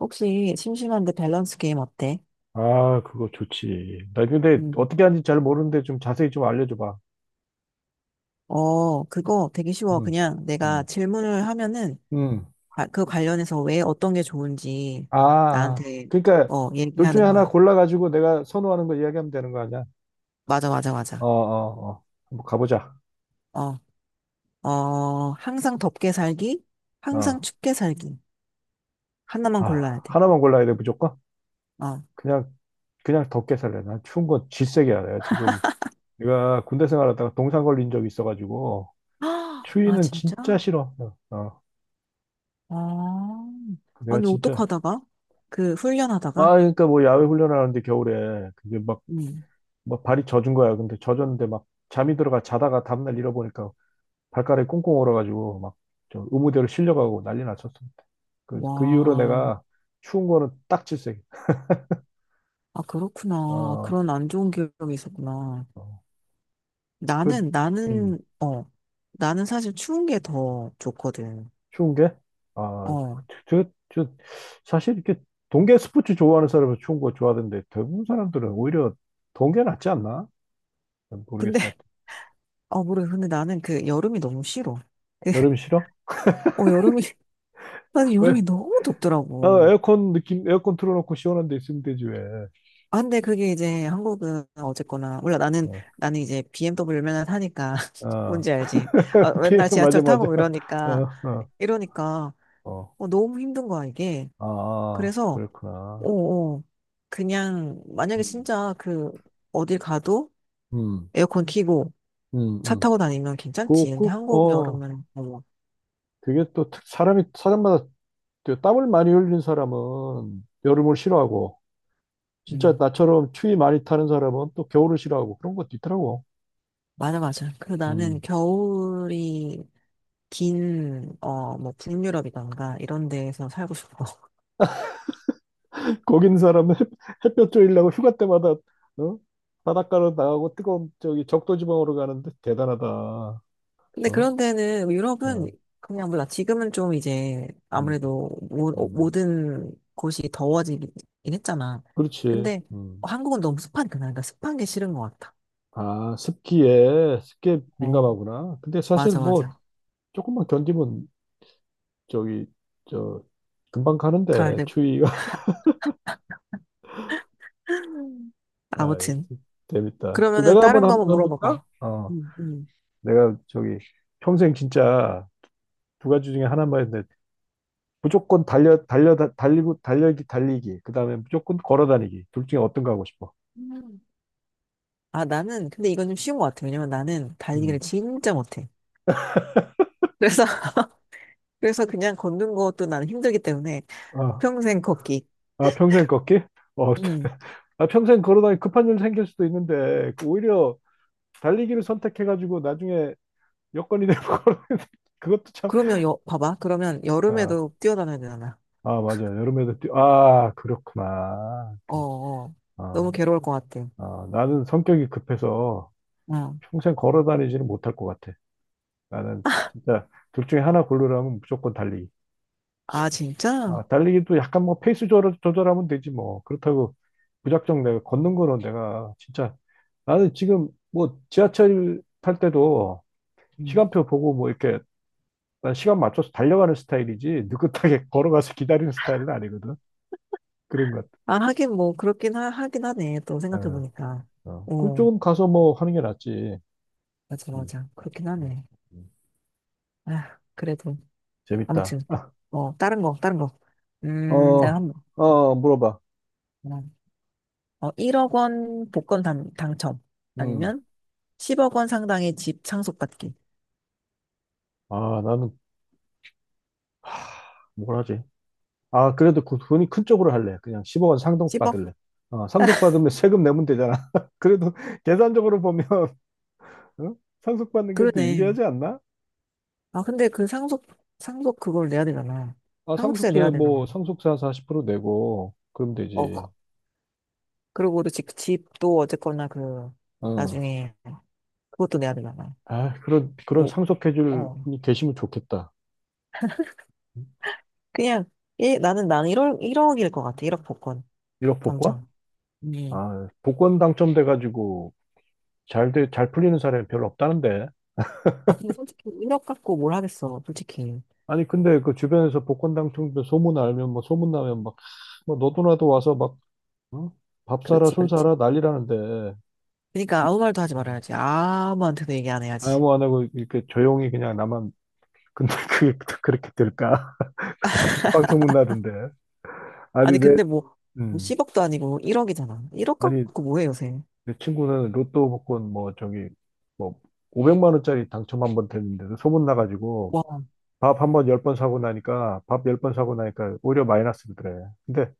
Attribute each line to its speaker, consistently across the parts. Speaker 1: 혹시 심심한데 밸런스 게임 어때?
Speaker 2: 아, 그거 좋지. 나 근데
Speaker 1: 음,
Speaker 2: 어떻게 하는지 잘 모르는데 좀 자세히 좀 알려줘봐.
Speaker 1: 그거 되게 쉬워.
Speaker 2: 응,
Speaker 1: 그냥 내가
Speaker 2: 응,
Speaker 1: 질문을 하면은
Speaker 2: 응.
Speaker 1: 아, 그 관련해서 왜 어떤 게 좋은지
Speaker 2: 아, 아.
Speaker 1: 나한테
Speaker 2: 그러니까 둘 중에
Speaker 1: 얘기하는
Speaker 2: 하나
Speaker 1: 거야.
Speaker 2: 골라가지고 내가 선호하는 거 이야기하면 되는 거 아니야?
Speaker 1: 맞아, 맞아,
Speaker 2: 어,
Speaker 1: 맞아.
Speaker 2: 어, 어. 한번 가보자.
Speaker 1: 어, 항상 덥게 살기, 항상
Speaker 2: 어.
Speaker 1: 춥게 살기. 하나만
Speaker 2: 아,
Speaker 1: 골라야 돼.
Speaker 2: 하나만 골라야 돼, 무조건?
Speaker 1: 어.
Speaker 2: 그냥, 그냥 덥게 살래. 난 추운 건 질색이야. 내가 지금, 내가 군대 생활하다가 동상 걸린 적이 있어가지고,
Speaker 1: 아, 아,
Speaker 2: 추위는
Speaker 1: 진짜?
Speaker 2: 진짜 싫어. 어. 어.
Speaker 1: 아,
Speaker 2: 내가
Speaker 1: 아니,
Speaker 2: 진짜.
Speaker 1: 어떡하다가? 그, 훈련하다가?
Speaker 2: 아, 그러니까 뭐 야외 훈련하는데 겨울에, 근데 막
Speaker 1: 음.
Speaker 2: 뭐 발이 젖은 거야. 근데 젖었는데 막 잠이 들어가 자다가 다음날 잃어보니까 발가락이 꽁꽁 얼어가지고 막저 의무대로 실려가고 난리 났었어. 그 이후로
Speaker 1: 와,
Speaker 2: 내가 추운 거는 딱 질색.
Speaker 1: 아, 그렇구나.
Speaker 2: 어,
Speaker 1: 그런 안 좋은 기억이 있었구나.
Speaker 2: 어, 그,
Speaker 1: 나는,
Speaker 2: 음,
Speaker 1: 나는, 어, 나는 사실 추운 게 더 좋거든.
Speaker 2: 추운 게? 아,
Speaker 1: 어,
Speaker 2: 저, 저, 사실 이렇게 동계 스포츠 좋아하는 사람은 추운 거 좋아하던데 대부분 사람들은 오히려 동계 낫지 않나? 난 모르겠어.
Speaker 1: 근데,
Speaker 2: 하여튼.
Speaker 1: 모르겠어. 근데 나는 그 여름이 너무 싫어. 그,
Speaker 2: 여름 싫어?
Speaker 1: 어, 여름이, 나는
Speaker 2: 왜?
Speaker 1: 여름이 너무
Speaker 2: 아,
Speaker 1: 덥더라고.
Speaker 2: 에어컨 느낌, 에어컨 틀어놓고 시원한 데 있으면 되지, 왜.
Speaker 1: 아, 근데 그게 이제 한국은 어쨌거나, 몰라,
Speaker 2: 어.
Speaker 1: 나는 이제 BMW 맨날 타니까,
Speaker 2: 어.
Speaker 1: 뭔지 알지?
Speaker 2: 피,
Speaker 1: 맨날
Speaker 2: 맞아,
Speaker 1: 지하철
Speaker 2: 맞아.
Speaker 1: 타고
Speaker 2: 어, 어,
Speaker 1: 이러니까,
Speaker 2: 어.
Speaker 1: 너무 힘든 거야, 이게.
Speaker 2: 아,
Speaker 1: 그래서, 어,
Speaker 2: 그렇구나.
Speaker 1: 어, 그냥, 만약에
Speaker 2: 음.
Speaker 1: 진짜 어딜 가도
Speaker 2: 음,
Speaker 1: 에어컨 켜고,
Speaker 2: 음,
Speaker 1: 차
Speaker 2: 음.
Speaker 1: 타고 다니면 괜찮지.
Speaker 2: 그,
Speaker 1: 근데
Speaker 2: 그,
Speaker 1: 한국
Speaker 2: 어,
Speaker 1: 여름은 어머.
Speaker 2: 그게 또 사람이, 사람마다 그 땀을 많이 흘린 사람은 여름을 싫어하고, 진짜
Speaker 1: 음.
Speaker 2: 나처럼 추위 많이 타는 사람은 또 겨울을 싫어하고, 그런 것도 있더라고.
Speaker 1: 맞아, 맞아. 나는
Speaker 2: 음.
Speaker 1: 겨울이 긴 뭐 북유럽이던가 이런 데에서 살고 싶어.
Speaker 2: 거기 있는 사람은 햇볕 쬐려고 휴가 때마다, 어? 바닷가로 나가고 뜨거운 저기 적도 지방으로 가는데 대단하다. 어?
Speaker 1: 근데 그런 데는
Speaker 2: 어.
Speaker 1: 유럽은 그냥 몰라. 지금은 좀 이제
Speaker 2: 음,
Speaker 1: 아무래도
Speaker 2: 음.
Speaker 1: 모든 곳이 더워지긴 했잖아.
Speaker 2: 그렇지.
Speaker 1: 근데
Speaker 2: 음.
Speaker 1: 한국은 너무 습하니까 그러니까 습한 게 싫은 것 같아.
Speaker 2: 아, 습기에
Speaker 1: 어,
Speaker 2: 민감하구나. 근데 사실
Speaker 1: 맞아,
Speaker 2: 뭐,
Speaker 1: 맞아.
Speaker 2: 조금만 견디면, 저기, 저, 금방
Speaker 1: 가을
Speaker 2: 가는데,
Speaker 1: 되
Speaker 2: 추위가. 아,
Speaker 1: 아무튼
Speaker 2: 재밌다. 그럼
Speaker 1: 그러면은
Speaker 2: 내가 한번
Speaker 1: 다른 거 한번
Speaker 2: 한번 볼까?
Speaker 1: 물어봐봐.
Speaker 2: 어,
Speaker 1: 응,
Speaker 2: 내가 저기, 평생 진짜 두 가지 중에 하나만 했는데, 무조건 달려, 달려, 달리고, 달리기, 달리기. 그 다음에 무조건 걸어 다니기. 둘 중에 어떤 거 하고 싶어?
Speaker 1: 응. 근데 이건 좀 쉬운 것 같아. 왜냐면 나는
Speaker 2: 음.
Speaker 1: 달리기를 진짜 못해. 그래서, 그래서 그냥 걷는 것도 나는 힘들기 때문에
Speaker 2: 아,
Speaker 1: 평생 걷기.
Speaker 2: 아, 평생 걷기? 어,
Speaker 1: 음.
Speaker 2: 아, 평생 걸어 다니 급한 일 생길 수도 있는데, 그 오히려, 달리기를 선택해가지고 나중에 여건이 되면 걸 그것도 참.
Speaker 1: 봐봐. 그러면
Speaker 2: 아,
Speaker 1: 여름에도 뛰어다녀야 되잖아.
Speaker 2: 아 맞아. 여름에도 뛰. 아, 그렇구나.
Speaker 1: 어,
Speaker 2: 그,
Speaker 1: 어. 너무
Speaker 2: 아,
Speaker 1: 괴로울 것 같아.
Speaker 2: 아, 나는 성격이 급해서
Speaker 1: 어.
Speaker 2: 평생 걸어 다니지는 못할 것 같아. 나는 진짜 둘 중에 하나 고르라면 무조건 달리기.
Speaker 1: 아, 진짜?
Speaker 2: 아, 달리기도 약간 뭐 페이스 조절하면 되지 뭐. 그렇다고 무작정 내가 걷는 거는 내가 진짜 나는 지금 뭐 지하철 탈 때도
Speaker 1: 음.
Speaker 2: 시간표 보고 뭐 이렇게 난 시간 맞춰서 달려가는 스타일이지 느긋하게 걸어가서 기다리는 스타일은 아니거든. 그런 것
Speaker 1: 아, 하긴 뭐, 하긴 하네. 또
Speaker 2: 같아.
Speaker 1: 생각해보니까.
Speaker 2: 어, 어.
Speaker 1: 오,
Speaker 2: 그쪽은 가서 뭐 하는 게 낫지.
Speaker 1: 맞아,
Speaker 2: 음,
Speaker 1: 맞아. 그렇긴
Speaker 2: 음,
Speaker 1: 하네.
Speaker 2: 음.
Speaker 1: 아, 그래도.
Speaker 2: 재밌다.
Speaker 1: 아무튼. 다른 거, 다른 거. 내가
Speaker 2: 어,
Speaker 1: 한번.
Speaker 2: 어, 물어봐.
Speaker 1: 1억 원 복권 당첨.
Speaker 2: 음.
Speaker 1: 아니면 10억 원 상당의 집 상속받기.
Speaker 2: 아, 나는 뭘 하지? 아, 그래도 그 돈이 큰 쪽으로 할래. 그냥 10억 원 상속 받을래.
Speaker 1: 10억?
Speaker 2: 어, 상속 받으면 세금 내면 되잖아. 그래도 계산적으로 보면 응? 상속 받는 게 더
Speaker 1: 그러네.
Speaker 2: 유리하지 않나?
Speaker 1: 아, 근데 상속 그걸 내야 되잖아.
Speaker 2: 아,
Speaker 1: 상속세
Speaker 2: 상속세
Speaker 1: 내야
Speaker 2: 뭐
Speaker 1: 되잖아.
Speaker 2: 상속세 한 40% 내고 그럼
Speaker 1: 어,
Speaker 2: 되지.
Speaker 1: 그리고 또 집도 어쨌거나
Speaker 2: 어.
Speaker 1: 나중에 그것도 내야 되잖아.
Speaker 2: 아, 그런
Speaker 1: 뭐,
Speaker 2: 상속해줄
Speaker 1: 어.
Speaker 2: 분이 계시면 좋겠다.
Speaker 1: 그냥, 예, 나는 1억, 1억일 것 같아. 1억 복권
Speaker 2: 1억 복권?
Speaker 1: 당첨. 음.
Speaker 2: 아, 복권 당첨돼가지고 잘 풀리는 사람이 별로 없다는데.
Speaker 1: 아, 근데 솔직히 1억 갖고 뭘 하겠어. 솔직히.
Speaker 2: 아니, 근데 그 주변에서 복권 당첨돼 소문 나면 막, 뭐 너도 나도 와서 막, 어? 밥 사라,
Speaker 1: 그렇지,
Speaker 2: 술
Speaker 1: 그렇지.
Speaker 2: 사라 난리라는데.
Speaker 1: 그러니까 아무 말도 하지
Speaker 2: 음.
Speaker 1: 말아야지. 아무한테도 얘기 안 해야지.
Speaker 2: 아무 안 하고 이렇게 조용히 그냥 나만, 근데 그게 또 그렇게 될까? 빵 소문 나던데. 아니,
Speaker 1: 아니,
Speaker 2: 내,
Speaker 1: 근데 뭐
Speaker 2: 음.
Speaker 1: 10억도 아니고 1억이잖아. 1억
Speaker 2: 아니,
Speaker 1: 갖고 뭐해, 요새.
Speaker 2: 내 친구는 로또 복권 뭐 저기 뭐 500만 원짜리 당첨 한 번 됐는데도 소문 나가지고
Speaker 1: 와,
Speaker 2: 밥 열 번 사고 나니까 오히려 마이너스더래. 근데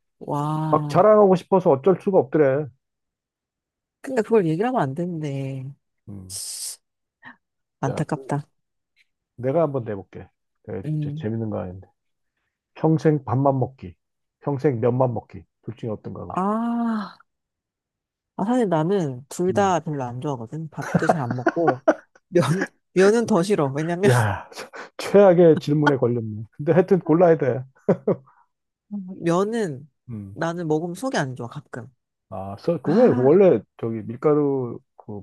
Speaker 2: 막
Speaker 1: 와.
Speaker 2: 자랑하고 싶어서 어쩔 수가 없더래.
Speaker 1: 근데 그걸 얘기를 하면 안 되는데.
Speaker 2: 음. 야, 그
Speaker 1: 안타깝다.
Speaker 2: 내가 한번 내볼게. 내가 진짜
Speaker 1: 음.
Speaker 2: 재밌는 거 아닌데. 평생 밥만 먹기, 평생 면만 먹기. 둘 중에 어떤 거 하고 싶어?
Speaker 1: 아, 아, 사실 나는 둘
Speaker 2: 음.
Speaker 1: 다 별로 안 좋아하거든. 밥도 잘 안 먹고. 면, 면은 더 싫어. 왜냐면,
Speaker 2: 야, 최악의 질문에 걸렸네. 근데 하여튼 골라야 돼.
Speaker 1: 면은
Speaker 2: 음.
Speaker 1: 나는 먹으면 속이 안 좋아, 가끔.
Speaker 2: 아, 써, 그게
Speaker 1: 아,
Speaker 2: 원래 저기 밀가루 그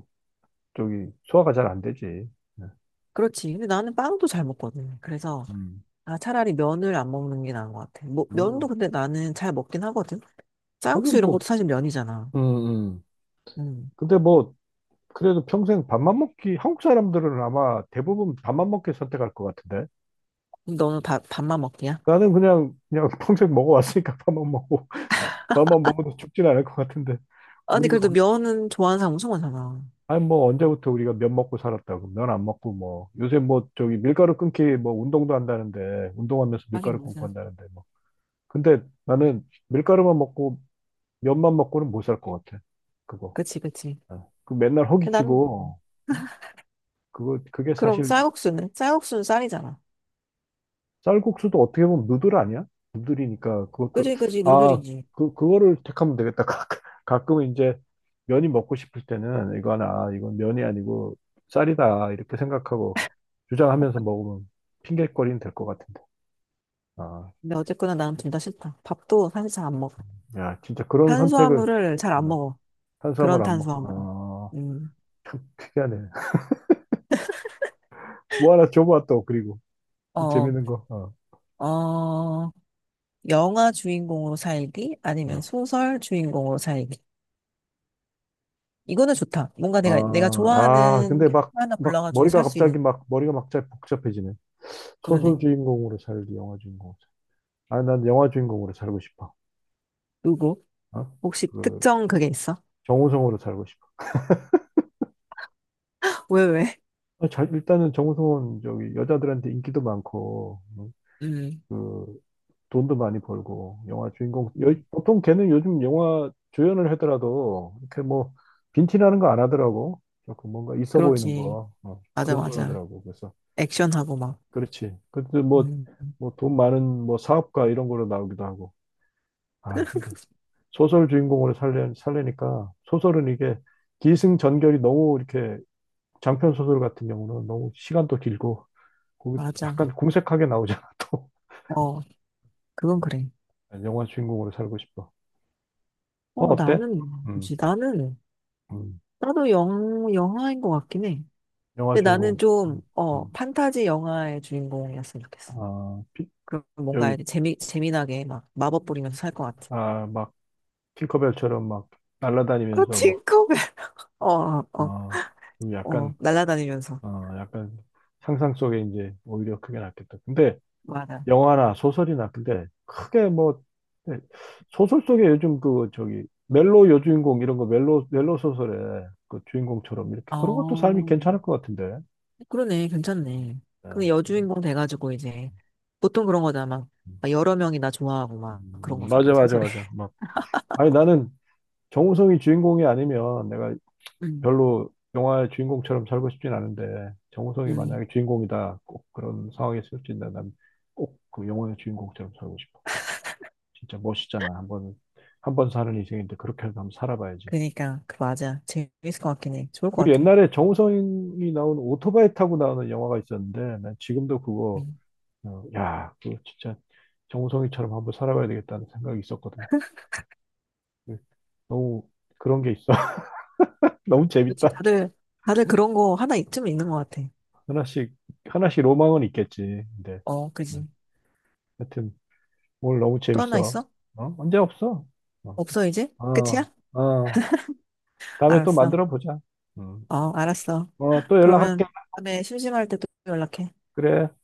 Speaker 2: 저기 소화가 잘 안 되지. 네.
Speaker 1: 그렇지. 근데 나는 빵도 잘 먹거든. 그래서,
Speaker 2: 음,
Speaker 1: 아, 차라리 면을 안 먹는 게 나은 것 같아. 뭐,
Speaker 2: 그래서,
Speaker 1: 면도 근데 나는 잘 먹긴 하거든.
Speaker 2: 아니
Speaker 1: 쌀국수 이런
Speaker 2: 뭐,
Speaker 1: 것도 사실 면이잖아.
Speaker 2: 음, 음.
Speaker 1: 음.
Speaker 2: 근데 뭐 그래도 평생 밥만 먹기 한국 사람들은 아마 대부분 밥만 먹기 선택할 것 같은데
Speaker 1: 그럼 너는 밥만 먹기야?
Speaker 2: 나는 그냥 평생 먹어왔으니까 밥만 먹고 밥만 먹어도 죽진 않을 것 같은데
Speaker 1: 아니,
Speaker 2: 우리가
Speaker 1: 그래도
Speaker 2: 언-
Speaker 1: 면은 좋아하는 사람 엄청 많잖아.
Speaker 2: 아니 뭐 언제부터 우리가 면 먹고 살았다고 면 안 먹고 뭐 요새 뭐 저기 밀가루 끊기 뭐 운동도 한다는데 운동하면서
Speaker 1: 하긴
Speaker 2: 밀가루 끊고
Speaker 1: 무슨.
Speaker 2: 한다는데 뭐 근데 나는 밀가루만 먹고 면만 먹고는 못 살 것 같아 그거
Speaker 1: 그치, 그치.
Speaker 2: 어, 그 맨날
Speaker 1: 근데 난,
Speaker 2: 허기지고 응? 그거 그게
Speaker 1: 그럼
Speaker 2: 사실
Speaker 1: 쌀국수는? 쌀국수는 쌀이잖아.
Speaker 2: 쌀국수도 어떻게 보면 누들 아니야? 누들이니까 그것도
Speaker 1: 그지, 그지,
Speaker 2: 아
Speaker 1: 누들이지.
Speaker 2: 그 그거를 택하면 되겠다. 가끔, 가끔 이제 면이 먹고 싶을 때는 이거 하나 아, 이건 면이 아니고 쌀이다 이렇게 생각하고 주장하면서 먹으면 핑계거리는 될 것 같은데. 아,
Speaker 1: 근데 어쨌거나 나는 둘 다 싫다. 밥도 사실 잘 안 먹어.
Speaker 2: 야 진짜 그런 선택을
Speaker 1: 탄수화물을 잘 안
Speaker 2: 어,
Speaker 1: 먹어.
Speaker 2: 탄수화물
Speaker 1: 그런
Speaker 2: 안 먹.
Speaker 1: 탄수화물.
Speaker 2: 어,
Speaker 1: 음.
Speaker 2: 참 특이하네. 뭐 하나 줘봐 또 그리고 또
Speaker 1: 어,
Speaker 2: 재밌는 거. 어,
Speaker 1: 어, 영화 주인공으로 살기? 아니면
Speaker 2: 어.
Speaker 1: 소설 주인공으로 살기? 이거는 좋다. 뭔가 내가
Speaker 2: 아, 아,
Speaker 1: 좋아하는
Speaker 2: 근데
Speaker 1: 캐릭터
Speaker 2: 막,
Speaker 1: 하나
Speaker 2: 막,
Speaker 1: 골라가지고
Speaker 2: 머리가
Speaker 1: 살 수 있는,
Speaker 2: 갑자기 막, 머리가 막 잘 복잡해지네. 소설
Speaker 1: 그러네.
Speaker 2: 주인공으로 살기, 영화 주인공으로 살 아, 난 영화 주인공으로 살고 싶어.
Speaker 1: 누구?
Speaker 2: 어?
Speaker 1: 혹시
Speaker 2: 그,
Speaker 1: 특정 그게 있어?
Speaker 2: 정우성으로 살고 싶어.
Speaker 1: 왜, 왜?
Speaker 2: 아, 잘, 일단은 정우성은 저기 여자들한테 인기도 많고, 어?
Speaker 1: 음,
Speaker 2: 그, 돈도 많이 벌고, 영화 주인공,
Speaker 1: 음,
Speaker 2: 보통 걔는 요즘 영화 조연을 하더라도, 이렇게 뭐, 빈티나는 거 안 하더라고. 조금 뭔가 있어 보이는
Speaker 1: 그렇지.
Speaker 2: 거, 어,
Speaker 1: 맞아,
Speaker 2: 그런 걸
Speaker 1: 맞아.
Speaker 2: 하더라고. 그래서.
Speaker 1: 액션하고 막.
Speaker 2: 그렇지. 근데 뭐,
Speaker 1: 음,
Speaker 2: 돈 많은 뭐 사업가 이런 거로 나오기도 하고. 아, 근데 소설 주인공으로 살리니까 소설은 이게 기승전결이 너무 이렇게 장편 소설 같은 경우는 너무 시간도 길고
Speaker 1: 맞아.
Speaker 2: 약간 궁색하게 나오잖아, 또.
Speaker 1: 어, 그건 그래.
Speaker 2: 영화 주인공으로 살고 싶어. 어,
Speaker 1: 어,
Speaker 2: 어때?
Speaker 1: 나는,
Speaker 2: 음,
Speaker 1: 뭐지?
Speaker 2: 음.
Speaker 1: 나도 영화인 것 같긴 해.
Speaker 2: 영화
Speaker 1: 근데 나는
Speaker 2: 주인공.
Speaker 1: 좀,
Speaker 2: 음, 음.
Speaker 1: 판타지 영화의 주인공이었으면 좋겠어.
Speaker 2: 아,
Speaker 1: 그럼 뭔가
Speaker 2: 여기,
Speaker 1: 이렇게 재미나게 막 마법 부리면서 살 것 같아.
Speaker 2: 아, 막, 팅커벨처럼 막 날아다니면서 뭐,
Speaker 1: 팅커벨. 어, 어,
Speaker 2: 어, 좀 약간
Speaker 1: 날아다니면서.
Speaker 2: 어, 약간 상상 속에 이제 오히려 그게 낫겠다. 근데
Speaker 1: 맞아.
Speaker 2: 영화나 소설이나 근데 크게 뭐 네, 소설 속에 요즘 그 저기 멜로 여주인공 이런 거 멜로 멜로 소설에 그 주인공처럼 이렇게 그런 것도 삶이
Speaker 1: 어.
Speaker 2: 괜찮을 것 같은데.
Speaker 1: 그러네, 괜찮네.
Speaker 2: 네.
Speaker 1: 근데 여주인공 돼가지고 이제 보통 그런 거잖아. 막, 막 여러 명이 나 좋아하고 막 그런 거잖아,
Speaker 2: 맞아 맞아
Speaker 1: 소설에.
Speaker 2: 맞아. 막 아니 나는 정우성이 주인공이 아니면 내가
Speaker 1: 음,
Speaker 2: 별로 영화의 주인공처럼 살고 싶진 않은데 정우성이
Speaker 1: 음.
Speaker 2: 만약에 주인공이다 꼭 그런 상황에 쓰여진다면 꼭 그 영화의 주인공처럼 살고 싶어. 진짜 멋있잖아. 한번 한 번 사는 인생인데 그렇게라도 한번 살아봐야지.
Speaker 1: 그러니까 그 맞아. 재밌을 것 같긴 해. 좋을
Speaker 2: 그
Speaker 1: 것 같아.
Speaker 2: 옛날에 정우성이 나온 오토바이 타고 나오는 영화가 있었는데 난 지금도 그거
Speaker 1: 음.
Speaker 2: 어, 야, 그거 진짜 정우성이처럼 한번 살아봐야 되겠다는 생각이 있었거든. 그 너무 그런 게 있어. 너무
Speaker 1: 그렇지.
Speaker 2: 재밌다.
Speaker 1: 다들 그런 거 하나 있쯤 있는 것 같아.
Speaker 2: 하나씩 하나씩 로망은 있겠지. 근데
Speaker 1: 어, 그지.
Speaker 2: 음, 하여튼 오늘 너무
Speaker 1: 또 하나
Speaker 2: 재밌어.
Speaker 1: 있어?
Speaker 2: 어? 언제 없어? 어,
Speaker 1: 없어 이제? 끝이야?
Speaker 2: 어. 어. 다음에 또
Speaker 1: 알았어.
Speaker 2: 만들어 보자. 음.
Speaker 1: 알았어.
Speaker 2: 어, 또 연락할게.
Speaker 1: 그러면 다음에 심심할 때 또 연락해.
Speaker 2: 그래.